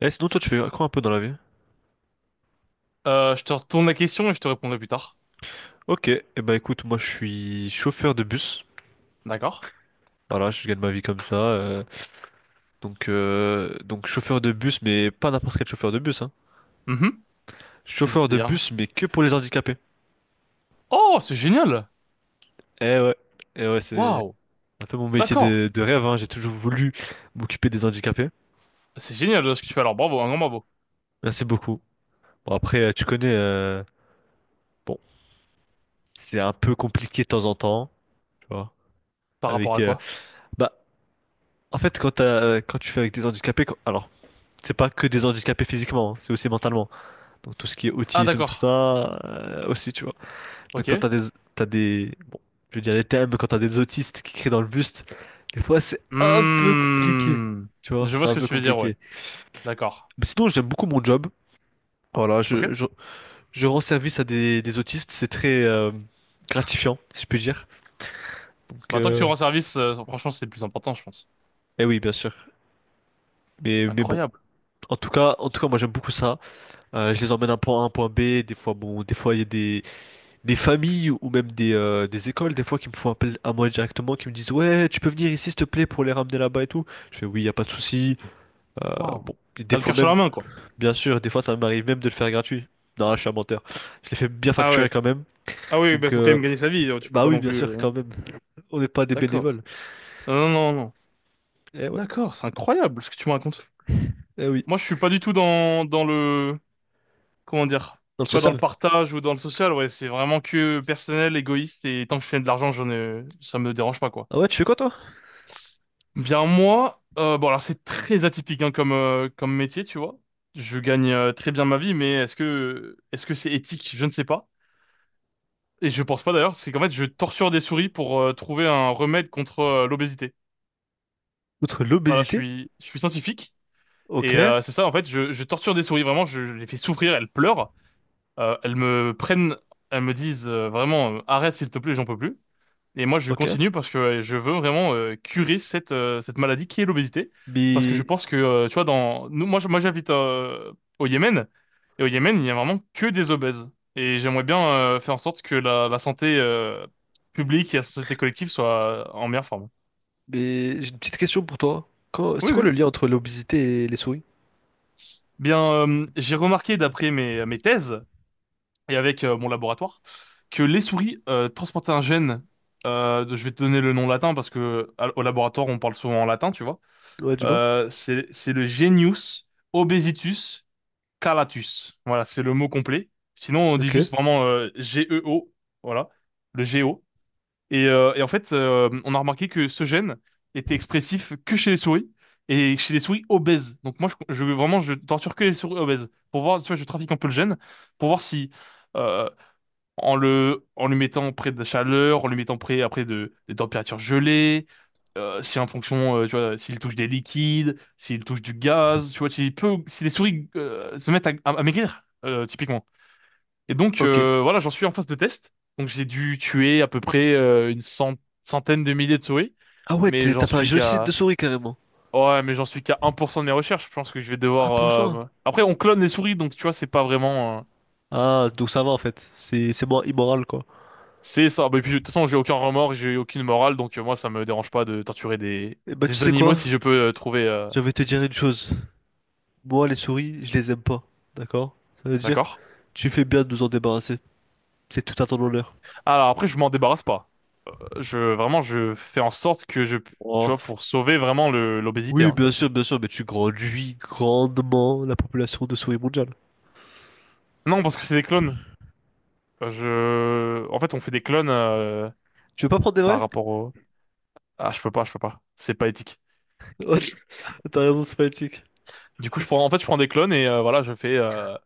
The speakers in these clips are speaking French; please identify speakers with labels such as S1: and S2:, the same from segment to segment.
S1: Sinon, toi, tu fais quoi un peu dans la vie?
S2: Je te retourne la question et je te répondrai plus tard.
S1: Ok, bah écoute, moi je suis chauffeur de bus.
S2: D'accord?
S1: Voilà, je gagne ma vie comme ça. Donc chauffeur de bus, mais pas n'importe quel chauffeur de bus, hein.
S2: Mhm.
S1: Chauffeur de
S2: C'est-à-dire...
S1: bus, mais que pour les handicapés.
S2: Oh, c'est génial!
S1: Eh ouais, eh ouais, c'est
S2: Waouh!
S1: un peu mon métier
S2: D'accord.
S1: de rêve, hein. J'ai toujours voulu m'occuper des handicapés.
S2: C'est génial ce que tu fais alors. Bravo, un grand bravo.
S1: Merci beaucoup. Bon, après, tu connais, bon, c'est un peu compliqué de temps en temps, tu vois.
S2: Par rapport
S1: Avec,
S2: à quoi?
S1: bah, en fait, quand t'as, quand tu fais avec des handicapés, c'est pas que des handicapés physiquement, hein, c'est aussi mentalement. Donc tout ce qui est
S2: Ah,
S1: autisme, tout
S2: d'accord.
S1: ça, aussi, tu vois. Donc quand
S2: Ok.
S1: t'as des, bon, je veux dire les thèmes, mais quand t'as des autistes qui crient dans le buste, des fois c'est un peu compliqué,
S2: Hmm.
S1: tu vois,
S2: Je
S1: c'est
S2: vois ce
S1: un
S2: que
S1: peu
S2: tu veux dire, ouais.
S1: compliqué.
S2: D'accord.
S1: Mais sinon, j'aime beaucoup mon job. Voilà,
S2: Ok.
S1: je rends service à des autistes, c'est très gratifiant, si je peux dire. Donc,
S2: Bah, tant que tu
S1: euh,
S2: rends service, franchement, c'est le plus important, je pense.
S1: eh oui, bien sûr. Mais bon.
S2: Incroyable.
S1: En tout cas, moi j'aime beaucoup ça. Je les emmène d'un point A à un point B. Des fois, bon, des fois il y a des familles ou même des écoles, des fois, qui me font appel à moi directement, qui me disent, ouais, tu peux venir ici, s'il te plaît, pour les ramener là-bas et tout. Je fais, oui, y a pas de souci. Euh,
S2: Waouh.
S1: Et
S2: T'as
S1: des
S2: le
S1: fois
S2: cœur sur
S1: même,
S2: la main, quoi.
S1: bien sûr, des fois, ça m'arrive même de le faire gratuit. Non, je suis un menteur. Je les fais bien
S2: Ah
S1: facturer
S2: ouais.
S1: quand même.
S2: Ah oui, bah
S1: Donc,
S2: faut quand
S1: euh,
S2: même gagner sa vie, tu peux
S1: Bah
S2: pas
S1: oui,
S2: non
S1: bien
S2: plus...
S1: sûr, quand même. On n'est pas des bénévoles.
S2: D'accord. Non, non, non, non.
S1: Eh ouais,
S2: D'accord, c'est incroyable ce que tu me racontes.
S1: eh oui,
S2: Moi, je suis pas du tout dans le... comment dire,
S1: dans le
S2: tu vois, dans le
S1: social.
S2: partage ou dans le social, ouais, c'est vraiment que personnel, égoïste, et tant que je fais de l'argent, j'en ai, ça me dérange pas, quoi.
S1: Ah ouais, tu fais quoi, toi?
S2: Bien, moi, bon, alors c'est très atypique, hein, comme, comme métier, tu vois. Je gagne très bien ma vie, mais est-ce que c'est éthique? Je ne sais pas. Et je pense pas d'ailleurs, c'est qu'en fait, je torture des souris pour trouver un remède contre l'obésité.
S1: Outre
S2: Voilà,
S1: l'obésité.
S2: je suis scientifique.
S1: Ok,
S2: Et c'est ça, en fait, je torture des souris, vraiment, je les fais souffrir, elles pleurent. Elles me prennent, elles me disent vraiment arrête s'il te plaît, j'en peux plus. Et moi je
S1: ok.
S2: continue parce que je veux vraiment curer cette cette maladie qui est l'obésité parce que je
S1: Mais,
S2: pense que tu vois dans nous moi j'habite au Yémen et au Yémen il y a vraiment que des obèses et j'aimerais bien faire en sorte que la santé publique et la société collective soit en meilleure forme.
S1: mais j'ai une petite question pour toi. C'est
S2: Oui
S1: quoi le
S2: oui.
S1: lien entre l'obésité et les souris?
S2: Bien j'ai remarqué d'après mes thèses et avec mon laboratoire que les souris transportaient un gène. Je vais te donner le nom latin parce que au laboratoire on parle souvent en latin, tu vois.
S1: Ouais, du moins.
S2: C'est le genius obesitus calatus. Voilà, c'est le mot complet. Sinon on dit
S1: Ok,
S2: juste vraiment GEO, voilà, le GEO. Et en fait, on a remarqué que ce gène était expressif que chez les souris et chez les souris obèses. Donc moi, vraiment, je torture que les souris obèses pour voir, tu vois, je trafique un peu le gène pour voir si euh, en le mettant près de la chaleur, en le mettant près après de températures gelées, si en fonction tu vois s'il touche des liquides, s'il touche du gaz, tu vois s'il peut si les souris se mettent à maigrir typiquement. Et donc
S1: ok.
S2: voilà, j'en suis en phase de test. Donc j'ai dû tuer à peu près centaine de milliers de souris,
S1: Ah ouais,
S2: mais
S1: t'as
S2: j'en
S1: fait un
S2: suis
S1: génocide de
S2: qu'à
S1: souris carrément.
S2: Ouais, mais j'en suis qu'à 1% de mes recherches. Je pense que je vais
S1: Ah, pour
S2: devoir.
S1: ça.
S2: Après, on clone les souris, donc tu vois, c'est pas vraiment.
S1: Ah, donc ça va en fait. C'est moins immoral quoi.
S2: C'est ça. Bah, et puis, de toute façon, j'ai aucun remords, j'ai aucune morale, donc moi, ça me dérange pas de torturer
S1: Et bah, tu
S2: des
S1: sais
S2: animaux
S1: quoi?
S2: si je peux trouver.
S1: Je vais te dire une chose. Moi, les souris, je les aime pas. D'accord? Ça veut dire,
S2: D'accord?
S1: tu fais bien de nous en débarrasser. C'est tout à ton honneur.
S2: Alors après, je m'en débarrasse pas. Je vraiment, je fais en sorte que tu
S1: Oh.
S2: vois, pour sauver vraiment le l'obésité,
S1: Oui,
S2: hein. Que-
S1: bien sûr, mais tu grandis grandement la population de souris mondiale.
S2: Non, parce que c'est des clones. En fait, on fait des clones
S1: Tu veux pas prendre des vrais?
S2: par rapport au. Ah, je peux pas. C'est pas éthique.
S1: T'as raison, c'est politique.
S2: Du coup, en fait, je prends des clones et voilà,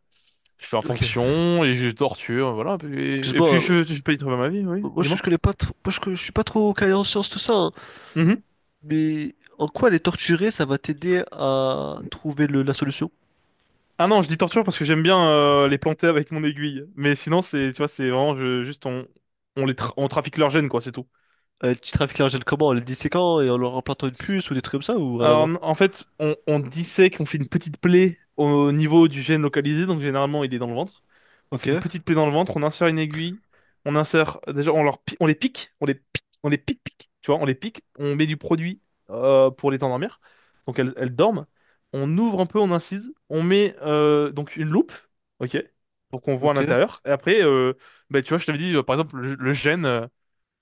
S2: je fais en
S1: Ok.
S2: fonction et je torture, voilà. Et puis
S1: Excuse-moi,
S2: je peux y trouver ma vie, oui.
S1: moi
S2: Dis-moi.
S1: je connais pas trop, je suis pas trop calé en sciences tout ça, hein.
S2: Mm-hmm.
S1: Mais en quoi les torturer, ça va t'aider à trouver la solution?
S2: Ah non, je dis torture parce que j'aime bien les planter avec mon aiguille. Mais sinon, c'est, tu vois, c'est vraiment juste on les on trafique leurs gènes, quoi, c'est tout.
S1: Tu trafiques l'argent comment? En les disséquant et en leur implantant une puce ou des trucs comme ça ou rien à
S2: Alors,
S1: voir?
S2: en fait, on dissèque, on fait une petite plaie au niveau du gène localisé, donc généralement il est dans le ventre. On
S1: Ok,
S2: fait une petite plaie dans le ventre, on insère une aiguille, on insère, déjà on, leur, on les pique, tu vois, on les pique, on met du produit pour les endormir, donc elles dorment. On ouvre un peu, on incise, on met donc une loupe, ok, pour qu'on voit à
S1: ok,
S2: l'intérieur. Et après, bah, tu vois, je t'avais dit, par exemple, le gène,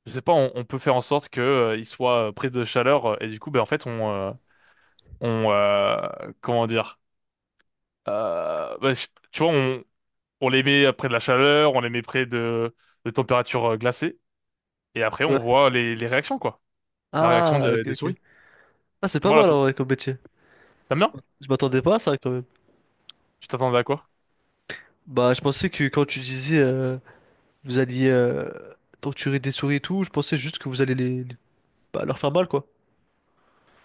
S2: je sais pas, on peut faire en sorte que il soit pris de chaleur, et du coup, bah, en fait, on... on euh, comment dire bah, tu vois on les met près de la chaleur on les met près de températures glacées et après on
S1: ouais.
S2: voit les réactions quoi. La réaction
S1: Ah, ok,
S2: des
S1: ok.
S2: souris.
S1: Ah, c'est pas
S2: Voilà
S1: mal
S2: tout.
S1: en vrai comme métier.
S2: T'aimes bien.
S1: Je m'attendais pas à ça quand même.
S2: Tu t'attendais à quoi?
S1: Bah, je pensais que quand tu disais vous alliez torturer des souris et tout, je pensais juste que vous allez bah, leur faire mal quoi.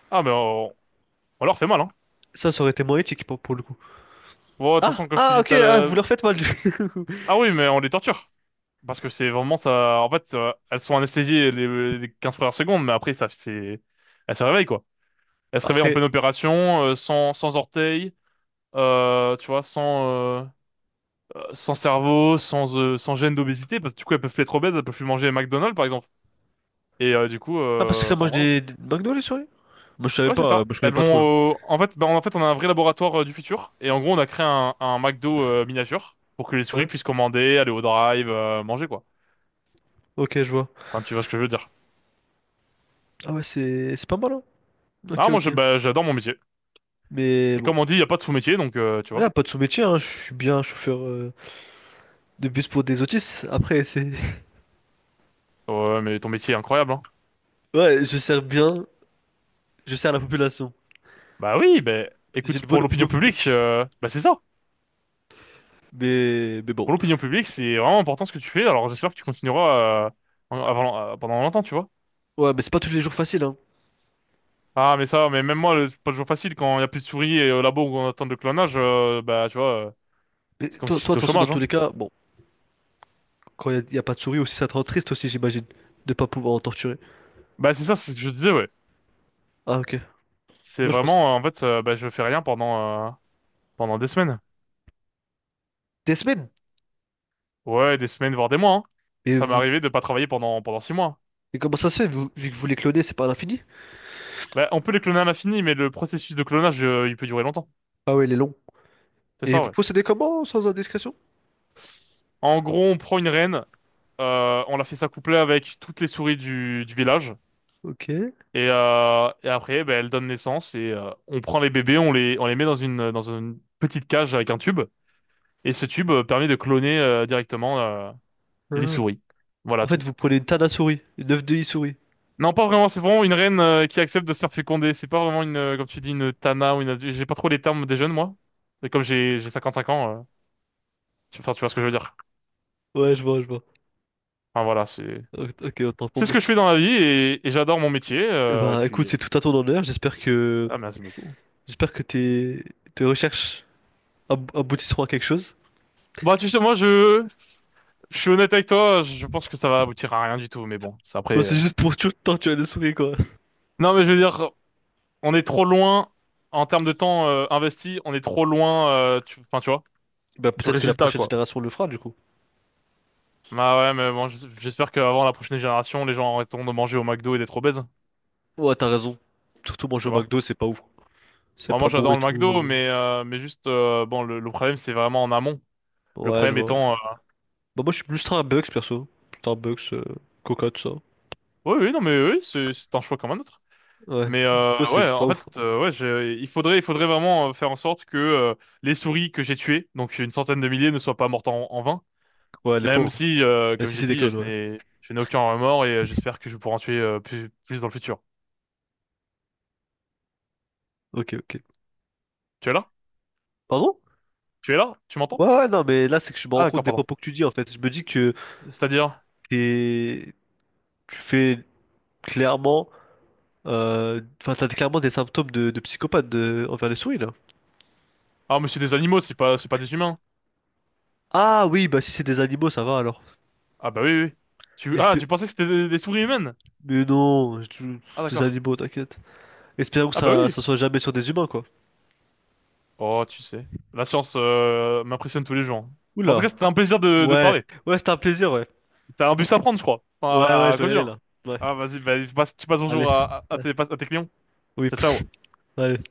S2: Ah mais on leur fait mal, hein.
S1: Ça aurait été moins éthique pour le coup.
S2: Bon, de toute
S1: Ah,
S2: façon comme je te
S1: ah,
S2: dis
S1: ok,
S2: t'as
S1: ah, vous
S2: le...
S1: leur faites mal.
S2: Ah oui, mais on les torture parce que c'est vraiment ça, en fait, elles sont anesthésiées les 15 premières secondes, mais après ça c'est elles se réveillent quoi, elles se réveillent en
S1: Après,
S2: pleine opération sans orteils, tu vois sans euh, sans cerveau, sans gêne d'obésité, parce que du coup, elles peuvent plus être obèses, elles peuvent plus manger McDonald's, par exemple. Et du coup,
S1: ah, parce que ça
S2: enfin
S1: mange
S2: voilà.
S1: des McDo, les souris? Moi, je savais
S2: Ouais, c'est
S1: pas,
S2: ça.
S1: moi, je connais
S2: Elles
S1: pas trop.
S2: vont, en fait, en fait, on a un vrai laboratoire du futur, et en gros, on a créé un McDo miniature pour que les souris
S1: Ouais,
S2: puissent commander, aller au drive, manger quoi.
S1: ok, je vois.
S2: Enfin, tu vois ce que je veux dire.
S1: Ah ouais, c'est pas mal, hein. Ok,
S2: Ah, moi, je,
S1: ok.
S2: bah, j'adore mon métier.
S1: Mais
S2: Et
S1: bon,
S2: comme on dit, il y a pas de sous-métier, donc tu
S1: ouais,
S2: vois.
S1: pas de sous-métier, hein. Je suis bien chauffeur de bus pour des autistes. Après, c'est...
S2: Ouais, mais ton métier est incroyable, hein.
S1: Ouais, je sers bien, je sers la population.
S2: Bah oui, ben
S1: J'ai
S2: écoute,
S1: une
S2: pour
S1: bonne opinion
S2: l'opinion publique,
S1: publique.
S2: bah c'est ça.
S1: Mais bon.
S2: Pour l'opinion publique, c'est vraiment important ce que tu fais. Alors j'espère que tu
S1: C'est-
S2: continueras avant, pendant longtemps, tu vois.
S1: Ouais, mais c'est pas tous les jours facile, hein.
S2: Ah, mais ça, mais même moi, c'est pas toujours facile quand il y a plus de souris et au labo où on attend le clonage, bah tu vois,
S1: Mais
S2: c'est comme
S1: toi, toi, de
S2: si j'étais
S1: toute
S2: au
S1: façon, dans
S2: chômage,
S1: tous
S2: hein.
S1: les cas, bon, quand il y, a y a pas de souris aussi, ça te rend triste aussi, j'imagine, de pas pouvoir en torturer.
S2: Bah c'est ça, c'est ce que je disais, ouais.
S1: Ah, ok.
S2: C'est
S1: Moi, je pense...
S2: vraiment, en fait, bah je fais rien pendant pendant des semaines.
S1: Des semaines.
S2: Ouais, des semaines voire des mois, hein.
S1: Et,
S2: Ça m'est
S1: vous...
S2: arrivé de pas travailler pendant 6 mois.
S1: et comment ça se fait, vu que vous les clonez, c'est pas à l'infini?
S2: Bah on peut les cloner à l'infini, mais le processus de clonage, il peut durer longtemps.
S1: Ah ouais, il est long.
S2: C'est
S1: Et
S2: ça,
S1: vous
S2: ouais.
S1: procédez comment, sans indiscrétion?
S2: En gros, on prend une reine, on la fait s'accoupler avec toutes les souris du village.
S1: Ok.
S2: Et après, ben, elle donne naissance et on prend les bébés, on les met dans dans une petite cage avec un tube. Et ce tube permet de cloner directement les
S1: Hmm.
S2: souris. Voilà
S1: En fait,
S2: tout.
S1: vous prenez une Tana souris, une œuf de i souris.
S2: Non, pas vraiment, c'est vraiment une reine qui accepte de se faire féconder. C'est pas vraiment une, comme tu dis, une tana ou une... adulte. J'ai pas trop les termes des jeunes, moi. Mais comme j'ai 55 ans, enfin, tu vois ce que je veux dire.
S1: Ouais, je vois, je vois.
S2: Enfin, voilà, c'est
S1: Ok, autant pour
S2: c'est ce
S1: moi.
S2: que je fais dans la vie et j'adore mon métier.
S1: Eh bah écoute, c'est tout à ton honneur. J'espère que
S2: Ah, merci beaucoup.
S1: j'espère que tes tes recherches aboutisseront à quelque chose.
S2: Bah tu sais, je suis honnête avec toi, je pense que ça va aboutir à rien du tout, mais bon, c'est après.
S1: Toi,
S2: Euh.
S1: c'est juste pour torturer des souris, quoi.
S2: Non, mais je veux dire, on est trop loin en termes de temps investi, on est trop loin, enfin tu vois,
S1: Bah
S2: du
S1: peut-être que la
S2: résultat
S1: prochaine
S2: quoi.
S1: génération le fera, du coup.
S2: Bah ouais, mais bon, j'espère qu'avant la prochaine génération, les gens arrêteront de manger au McDo et d'être obèses,
S1: Ouais, t'as raison. Surtout manger
S2: tu
S1: au
S2: vois.
S1: McDo, c'est pas ouf. C'est
S2: Bah,
S1: pas
S2: moi,
S1: bon
S2: j'adore
S1: et
S2: le McDo,
S1: tout.
S2: mais juste, bon, le problème c'est vraiment en amont. Le
S1: Ouais, je
S2: problème
S1: vois.
S2: étant,
S1: Bah moi je suis plus Starbucks perso. Starbucks, euh, Coca, tout ça.
S2: oui, oui, non, mais oui, c'est un choix comme un autre.
S1: Ouais.
S2: Mais
S1: Toi c'est
S2: ouais, en
S1: pas ouf.
S2: fait, ouais, il faudrait vraiment faire en sorte que les souris que j'ai tuées, donc une centaine de milliers, ne soient pas mortes en vain.
S1: Ouais, les
S2: Même
S1: pauvres.
S2: si,
S1: Même
S2: comme
S1: si
S2: j'ai
S1: c'est des
S2: dit,
S1: clones, ouais.
S2: je n'ai aucun remords et j'espère que je pourrai en tuer plus dans le futur.
S1: Ok, ok.
S2: Tu es là?
S1: Pardon?
S2: Tu es là? Tu m'entends?
S1: Ouais, ouais, non, mais là c'est que je me
S2: Ah
S1: rends compte
S2: d'accord,
S1: des
S2: pardon.
S1: propos que tu dis en fait. Je me dis que
S2: C'est-à-dire,
S1: t'es- tu fais clairement... Enfin, t'as clairement des symptômes de psychopathe envers les souris là.
S2: ah mais c'est des animaux, c'est pas des humains.
S1: Ah oui, bah si c'est des animaux, ça va alors.
S2: Ah bah oui, oui, oui. Tu, ah
S1: Espé-
S2: tu pensais que c'était des souris humaines?
S1: Mais non,
S2: Ah
S1: des
S2: d'accord.
S1: animaux, t'inquiète. Espérons que
S2: Ah bah
S1: ça,
S2: oui.
S1: ça soit jamais sur des humains quoi.
S2: Oh, tu sais, la science m'impressionne tous les jours. Mais en tout cas,
S1: Oula.
S2: c'était un plaisir de te
S1: Ouais,
S2: parler.
S1: ouais, c'était un plaisir, ouais.
S2: T'as un bus à prendre, je crois.
S1: Ouais,
S2: Enfin,
S1: ouais, je
S2: à
S1: dois y aller
S2: conduire.
S1: là. Ouais,
S2: Ah, vas-y, bah, tu passes
S1: allez.
S2: bonjour
S1: Ouais.
S2: à tes clients.
S1: Oui,
S2: Ciao,
S1: possible.
S2: ciao.
S1: Allez.